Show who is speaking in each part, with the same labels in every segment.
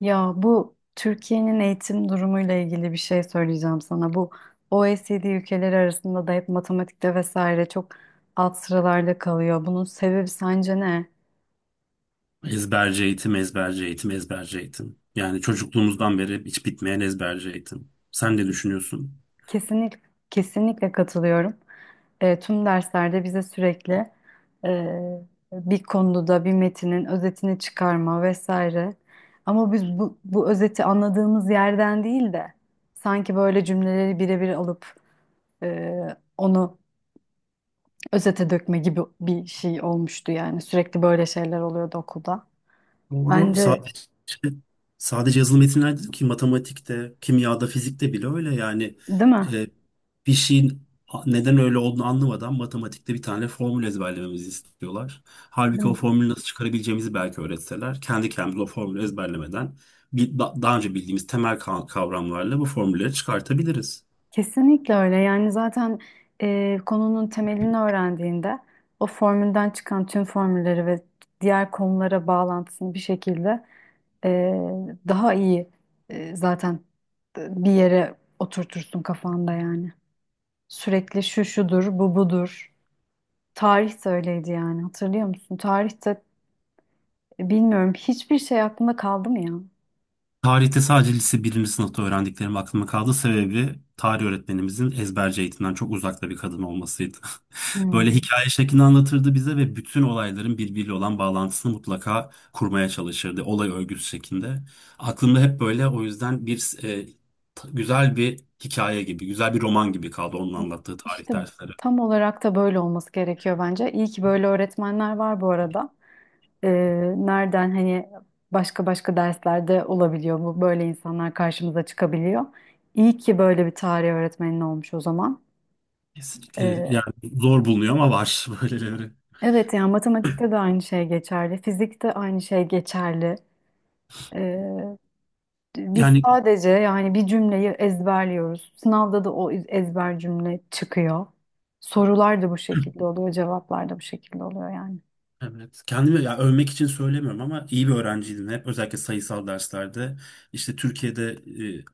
Speaker 1: Ya bu Türkiye'nin eğitim durumuyla ilgili bir şey söyleyeceğim sana. Bu OECD ülkeleri arasında da hep matematikte vesaire çok alt sıralarda kalıyor. Bunun sebebi sence ne?
Speaker 2: Ezberci eğitim, ezberci eğitim, ezberci eğitim. Yani çocukluğumuzdan beri hiç bitmeyen ezberci eğitim. Sen ne düşünüyorsun?
Speaker 1: Kesinlikle kesinlikle katılıyorum. Tüm derslerde bize sürekli e, bir konuda da bir metinin özetini çıkarma vesaire. Ama biz bu özeti anladığımız yerden değil de sanki böyle cümleleri birebir alıp e, onu özete dökme gibi bir şey olmuştu yani. Sürekli böyle şeyler oluyordu okulda.
Speaker 2: Doğru.
Speaker 1: Bence
Speaker 2: Sadece yazılı metinler değil ki matematikte, kimyada, fizikte bile öyle. Yani
Speaker 1: değil mi?
Speaker 2: e, bir şeyin neden öyle olduğunu anlamadan matematikte bir tane formül ezberlememizi istiyorlar.
Speaker 1: Değil
Speaker 2: Halbuki o
Speaker 1: mi?
Speaker 2: formülü nasıl çıkarabileceğimizi belki öğretseler, kendi kendimize o formülü ezberlemeden bir, daha önce bildiğimiz temel kavramlarla bu formülleri çıkartabiliriz.
Speaker 1: Kesinlikle öyle. Yani zaten konunun temelini öğrendiğinde o formülden çıkan tüm formülleri ve diğer konulara bağlantısını bir şekilde e, daha iyi zaten bir yere oturtursun kafanda yani. Sürekli şu şudur, bu budur. Tarih de öyleydi yani. Hatırlıyor musun? Tarihte bilmiyorum hiçbir şey aklında kaldı mı ya?
Speaker 2: Tarihte sadece lise birinci sınıfta öğrendiklerim aklıma kaldı. Sebebi tarih öğretmenimizin ezberci eğitimden çok uzakta bir kadın olmasıydı. Böyle
Speaker 1: Hmm.
Speaker 2: hikaye şeklinde anlatırdı bize ve bütün olayların birbiriyle olan bağlantısını mutlaka kurmaya çalışırdı. Olay örgüsü şeklinde. Aklımda hep böyle o yüzden bir güzel bir hikaye gibi, güzel bir roman gibi kaldı onun anlattığı tarih
Speaker 1: İşte
Speaker 2: dersleri.
Speaker 1: tam olarak da böyle olması gerekiyor bence. İyi ki böyle öğretmenler var bu arada. Nereden hani başka başka derslerde olabiliyor bu. Böyle insanlar karşımıza çıkabiliyor. İyi ki böyle bir tarih öğretmenin olmuş o zaman.
Speaker 2: Kesinlikle yani
Speaker 1: Ee,
Speaker 2: zor bulunuyor ama var böyleleri.
Speaker 1: evet yani matematikte de aynı şey geçerli. Fizikte aynı şey geçerli. Ee, Biz
Speaker 2: Yani.
Speaker 1: sadece yani bir cümleyi ezberliyoruz. Sınavda da o ezber cümle çıkıyor. Sorular da bu şekilde oluyor, cevaplar da bu şekilde oluyor yani.
Speaker 2: Evet. Kendimi ya övmek için söylemiyorum ama iyi bir öğrenciydim hep. Özellikle sayısal derslerde. İşte Türkiye'de e,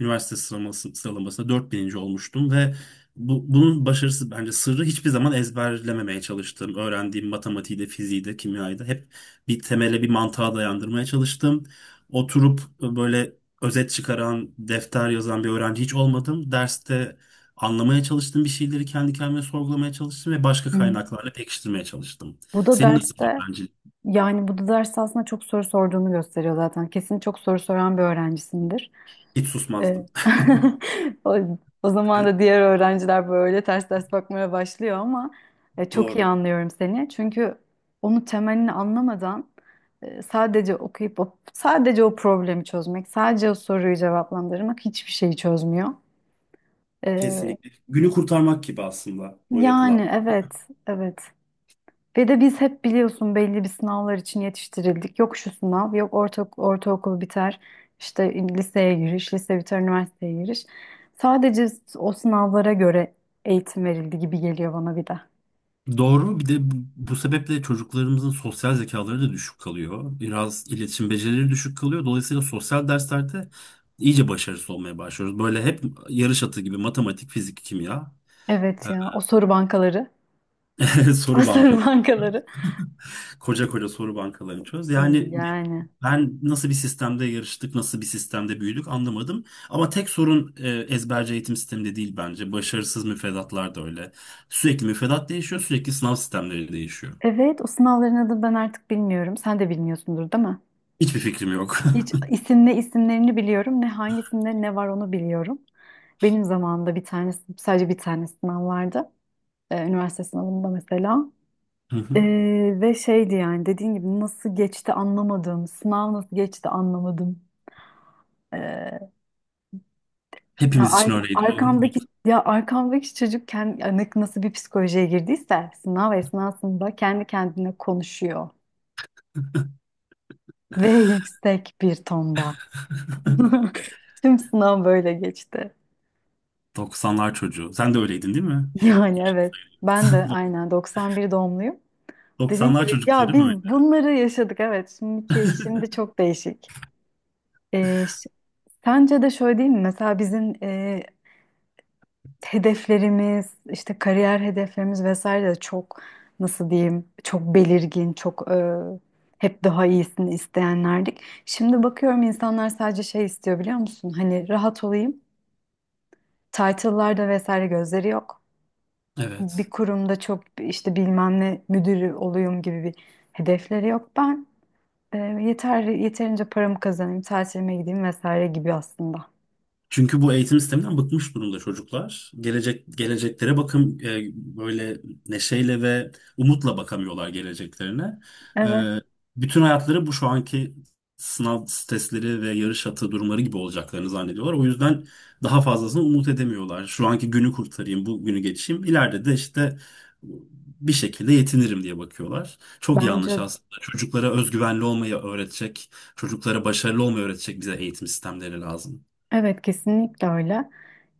Speaker 2: üniversite sıralamasında 4.000'inci olmuştum ve bunun başarısı bence sırrı hiçbir zaman ezberlememeye çalıştım. Öğrendiğim matematiği de, fiziği de, kimyayı da hep bir temele, bir mantığa dayandırmaya çalıştım. Oturup böyle özet çıkaran, defter yazan bir öğrenci hiç olmadım. Derste anlamaya çalıştım bir şeyleri kendi kendime sorgulamaya çalıştım ve başka
Speaker 1: Hı.
Speaker 2: kaynaklarla pekiştirmeye çalıştım.
Speaker 1: Bu da
Speaker 2: Senin nasıl
Speaker 1: derste
Speaker 2: öğrencilik?
Speaker 1: yani bu da derste aslında çok soru sorduğunu gösteriyor zaten. Kesin çok soru soran bir öğrencisindir.
Speaker 2: Hiç
Speaker 1: Evet.
Speaker 2: susmazdım.
Speaker 1: O, o zaman da diğer öğrenciler böyle ters ters bakmaya başlıyor ama çok iyi
Speaker 2: Doğru.
Speaker 1: anlıyorum seni. Çünkü onu temelini anlamadan sadece okuyup o, sadece o problemi çözmek, sadece o soruyu cevaplandırmak hiçbir şeyi çözmüyor. E,
Speaker 2: Kesinlikle. Günü kurtarmak gibi aslında o yapılan.
Speaker 1: yani evet, evet. Ve de biz hep biliyorsun belli bir sınavlar için yetiştirildik. Yok şu sınav, yok orta, ortaokul biter, işte liseye giriş, lise biter, üniversiteye giriş. Sadece o sınavlara göre eğitim verildi gibi geliyor bana bir de.
Speaker 2: Doğru. Bir de bu sebeple çocuklarımızın sosyal zekaları da düşük kalıyor. Biraz iletişim becerileri düşük kalıyor. Dolayısıyla sosyal derslerde iyice başarısız olmaya başlıyoruz. Böyle hep yarış atı gibi matematik, fizik, kimya,
Speaker 1: Evet ya, o soru bankaları. O
Speaker 2: soru bankaları,
Speaker 1: soru bankaları.
Speaker 2: koca koca soru bankaları çöz. Yani
Speaker 1: Yani.
Speaker 2: ben nasıl bir sistemde yarıştık, nasıl bir sistemde büyüdük anlamadım. Ama tek sorun ezberci eğitim sistemi de değil bence. Başarısız müfredatlar da öyle. Sürekli müfredat değişiyor, sürekli sınav sistemleri değişiyor.
Speaker 1: Evet, o sınavların adını ben artık bilmiyorum. Sen de bilmiyorsundur, değil mi?
Speaker 2: Hiçbir fikrim yok.
Speaker 1: Hiç isim ne isimlerini biliyorum, ne hangisinde ne var onu biliyorum. Benim zamanımda bir tanesi, sadece bir tane sınav vardı. Üniversite sınavında mesela.
Speaker 2: Hı
Speaker 1: E,
Speaker 2: hı.
Speaker 1: ve şeydi yani dediğin gibi nasıl geçti anlamadım. Sınav nasıl geçti anlamadım. E,
Speaker 2: Hepimiz için öyleydi, oğlum.
Speaker 1: arkamdaki ya arkamdaki çocuk kendi yani nasıl bir psikolojiye girdiyse sınav esnasında kendi kendine konuşuyor ve yüksek bir tonda. Tüm sınav böyle geçti.
Speaker 2: 90'lar çocuğu. Sen de öyleydin değil mi?
Speaker 1: Yani evet. Ben de aynen 91 doğumluyum. Dediğin
Speaker 2: Doksanlar
Speaker 1: gibi ya
Speaker 2: çocukları böyle.
Speaker 1: biz bunları yaşadık evet. Şimdi çok değişik. E, Sence de şöyle değil mi? Mesela bizim hedeflerimiz, işte kariyer hedeflerimiz vesaire de çok nasıl diyeyim, çok belirgin, çok hep daha iyisini isteyenlerdik. Şimdi bakıyorum insanlar sadece şey istiyor biliyor musun? Hani rahat olayım. Title'larda vesaire gözleri yok. Bir
Speaker 2: Evet.
Speaker 1: kurumda çok işte bilmem ne müdürü olayım gibi bir hedefleri yok. Ben yeterince paramı kazanayım, tatilime gideyim vesaire gibi aslında.
Speaker 2: Çünkü bu eğitim sisteminden bıkmış durumda çocuklar. Geleceklere bakım böyle neşeyle ve umutla bakamıyorlar geleceklerine. E,
Speaker 1: Evet,
Speaker 2: Bütün hayatları bu şu anki sınav testleri ve yarış atı durumları gibi olacaklarını zannediyorlar. O yüzden daha fazlasını umut edemiyorlar. Şu anki günü kurtarayım, bu günü geçeyim. İleride de işte bir şekilde yetinirim diye bakıyorlar. Çok yanlış
Speaker 1: bence
Speaker 2: aslında. Çocuklara özgüvenli olmayı öğretecek, çocuklara başarılı olmayı öğretecek bize eğitim sistemleri lazım.
Speaker 1: evet kesinlikle öyle.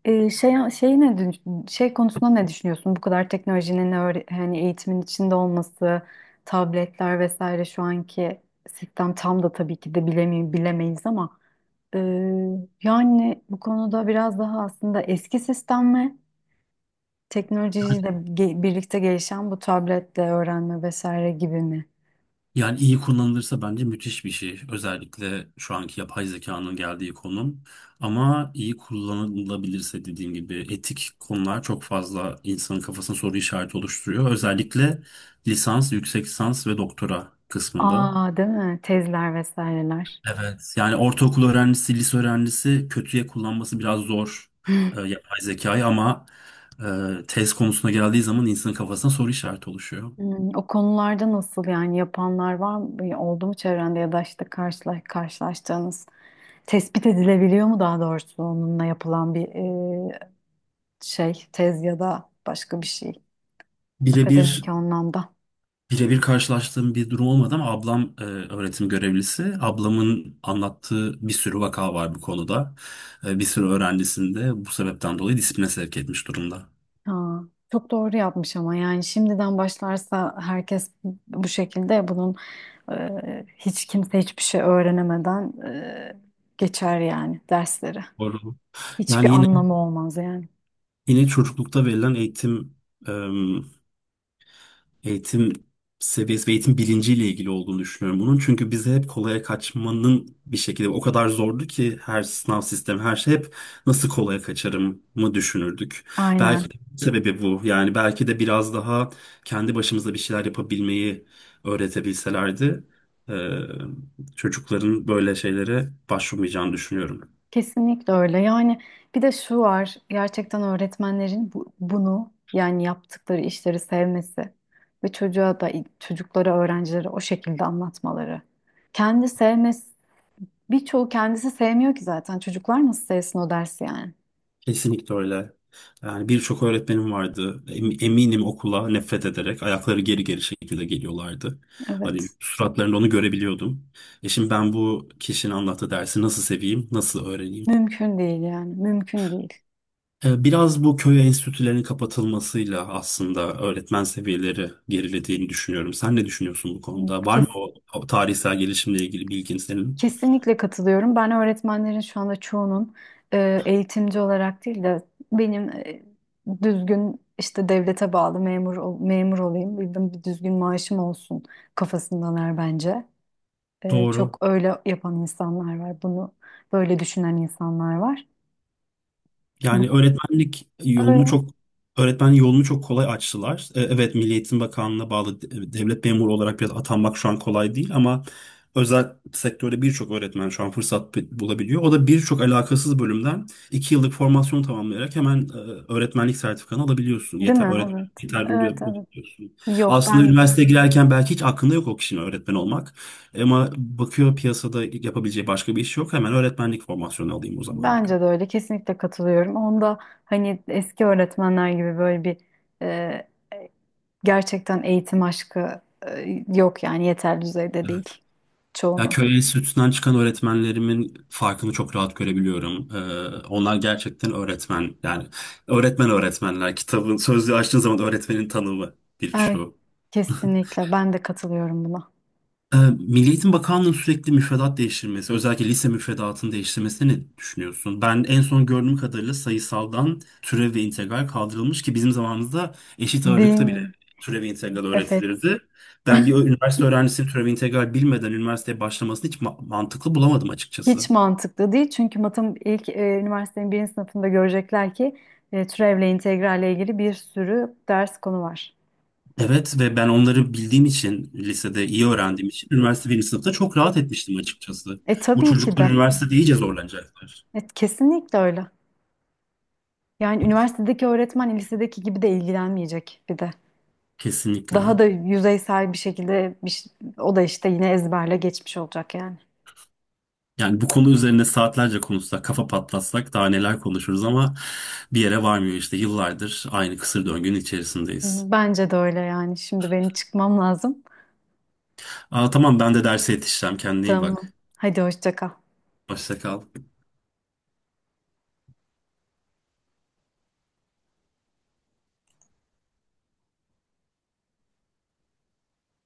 Speaker 1: Şey konusunda ne düşünüyorsun? Bu kadar teknolojinin hani eğitimin içinde olması, tabletler vesaire şu anki sistem tam da tabii ki de bilemi bilemeyiz ama e, yani bu konuda biraz daha aslında eski sistem mi? Teknolojiyle birlikte gelişen bu tabletle öğrenme vesaire gibi mi?
Speaker 2: Yani iyi kullanılırsa bence müthiş bir şey. Özellikle şu anki yapay zekanın geldiği konum. Ama iyi kullanılabilirse dediğim gibi etik konular çok fazla insanın kafasına soru işareti oluşturuyor. Özellikle lisans, yüksek lisans ve doktora kısmında.
Speaker 1: Aa değil mi? Tezler vesaireler.
Speaker 2: Evet. Yani ortaokul öğrencisi, lise öğrencisi kötüye kullanması biraz zor yapay zekayı ama tez konusuna geldiği zaman insanın kafasına soru işareti oluşuyor.
Speaker 1: Hmm, o konularda nasıl yani yapanlar var mı? Oldu mu çevrende ya da işte karşılaştığınız tespit edilebiliyor mu daha doğrusu onunla yapılan bir e, şey tez ya da başka bir şey akademik
Speaker 2: Birebir
Speaker 1: anlamda.
Speaker 2: Birebir karşılaştığım bir durum olmadı ama ablam öğretim görevlisi. Ablamın anlattığı bir sürü vaka var bu konuda. Bir sürü öğrencisini de bu sebepten dolayı disipline sevk etmiş durumda.
Speaker 1: Ha, çok doğru yapmış ama yani şimdiden başlarsa herkes bu şekilde bunun hiç kimse hiçbir şey öğrenemeden geçer yani dersleri.
Speaker 2: Doğru.
Speaker 1: Hiçbir
Speaker 2: Yani yine
Speaker 1: anlamı olmaz yani.
Speaker 2: yine çocuklukta verilen eğitim seviyesi ve eğitim bilinciyle ilgili olduğunu düşünüyorum bunun. Çünkü bize hep kolaya kaçmanın bir şekilde o kadar zordu ki her sınav sistemi her şey hep nasıl kolaya kaçarım mı düşünürdük. Belki
Speaker 1: Aynen.
Speaker 2: de sebebi bu. Yani belki de biraz daha kendi başımıza bir şeyler yapabilmeyi öğretebilselerdi eee, çocukların böyle şeylere başvurmayacağını düşünüyorum.
Speaker 1: Kesinlikle öyle. Yani bir de şu var, gerçekten öğretmenlerin bunu yani yaptıkları işleri sevmesi ve çocuğa da çocuklara, öğrencilere o şekilde anlatmaları. Kendi sevmesi, birçoğu kendisi sevmiyor ki zaten. Çocuklar nasıl sevsin o dersi yani?
Speaker 2: Kesinlikle öyle. Yani birçok öğretmenim vardı. Eminim okula nefret ederek ayakları geri geri şekilde geliyorlardı. Hani
Speaker 1: Evet.
Speaker 2: suratlarında onu görebiliyordum. Şimdi ben bu kişinin anlattığı dersi nasıl seveyim, nasıl öğreneyim?
Speaker 1: Mümkün değil yani. Mümkün değil.
Speaker 2: Biraz bu köy enstitülerinin kapatılmasıyla aslında öğretmen seviyeleri gerilediğini düşünüyorum. Sen ne düşünüyorsun bu konuda? Var mı o, o tarihsel gelişimle ilgili bilgin senin?
Speaker 1: Kesinlikle katılıyorum. Ben öğretmenlerin şu anda çoğunun eğitimci olarak değil de benim düzgün işte devlete bağlı memur olayım, bildim bir düzgün maaşım olsun kafasındalar bence.
Speaker 2: Doğru.
Speaker 1: Çok öyle yapan insanlar var. Bunu böyle düşünen insanlar var. Bu
Speaker 2: Yani
Speaker 1: öyle
Speaker 2: öğretmen yolunu çok kolay açtılar. Evet, Milli Eğitim Bakanlığı'na bağlı devlet memuru olarak biraz atanmak şu an kolay değil ama özel sektörde birçok öğretmen şu an fırsat bulabiliyor. O da birçok alakasız bölümden 2 yıllık formasyon tamamlayarak hemen öğretmenlik sertifikanı alabiliyorsun.
Speaker 1: değil mi? Evet.
Speaker 2: Yeterli
Speaker 1: Evet, evet.
Speaker 2: oluyorsun.
Speaker 1: Yok
Speaker 2: Aslında
Speaker 1: ben
Speaker 2: üniversiteye girerken belki hiç aklında yok o kişinin öğretmen olmak. Ama bakıyor piyasada yapabileceği başka bir iş yok. Hemen öğretmenlik formasyonu alayım o zaman diyor.
Speaker 1: bence de öyle kesinlikle katılıyorum. Onda hani eski öğretmenler gibi böyle bir gerçekten eğitim aşkı yok yani yeterli düzeyde değil
Speaker 2: Ya
Speaker 1: çoğunun.
Speaker 2: köy enstitüsünden çıkan öğretmenlerimin farkını çok rahat görebiliyorum. Onlar gerçekten öğretmen. Yani öğretmen öğretmenler. Kitabın sözlüğü açtığın zaman öğretmenin tanımı
Speaker 1: Er-
Speaker 2: birçoğu.
Speaker 1: kesinlikle ben de katılıyorum buna.
Speaker 2: Milli Eğitim Bakanlığı'nın sürekli müfredat değiştirmesi, özellikle lise müfredatını değiştirmesini ne düşünüyorsun? Ben en son gördüğüm kadarıyla sayısaldan türev ve integral kaldırılmış ki bizim zamanımızda eşit
Speaker 1: Değil
Speaker 2: ağırlıkta bile
Speaker 1: mi?
Speaker 2: türev ve integral
Speaker 1: Evet.
Speaker 2: öğretilirdi. Ben bir üniversite öğrencisinin türev ve integral bilmeden üniversiteye başlamasını hiç mantıklı bulamadım
Speaker 1: Hiç
Speaker 2: açıkçası.
Speaker 1: mantıklı değil çünkü matım ilk üniversitenin birinci sınıfında görecekler ki türevle integralle ilgili bir sürü ders konu var.
Speaker 2: Evet ve ben onları bildiğim için lisede iyi öğrendiğim için üniversite birinci sınıfta çok rahat etmiştim açıkçası.
Speaker 1: E
Speaker 2: Bu
Speaker 1: tabii ki
Speaker 2: çocuklar
Speaker 1: de.
Speaker 2: üniversitede iyice zorlanacaklar.
Speaker 1: Kesinlikle öyle. Yani üniversitedeki öğretmen lisedeki gibi de ilgilenmeyecek bir de. Daha
Speaker 2: Kesinlikle.
Speaker 1: da yüzeysel bir şekilde o da işte yine ezberle geçmiş olacak yani.
Speaker 2: Yani bu konu üzerine saatlerce konuşsak, kafa patlatsak daha neler konuşuruz ama bir yere varmıyor işte yıllardır aynı kısır döngünün içerisindeyiz.
Speaker 1: Bence de öyle yani. Şimdi benim çıkmam lazım.
Speaker 2: Aa, tamam ben de derse yetişeceğim. Kendine iyi
Speaker 1: Tamam.
Speaker 2: bak.
Speaker 1: Hadi hoşça kal.
Speaker 2: Hoşça kal.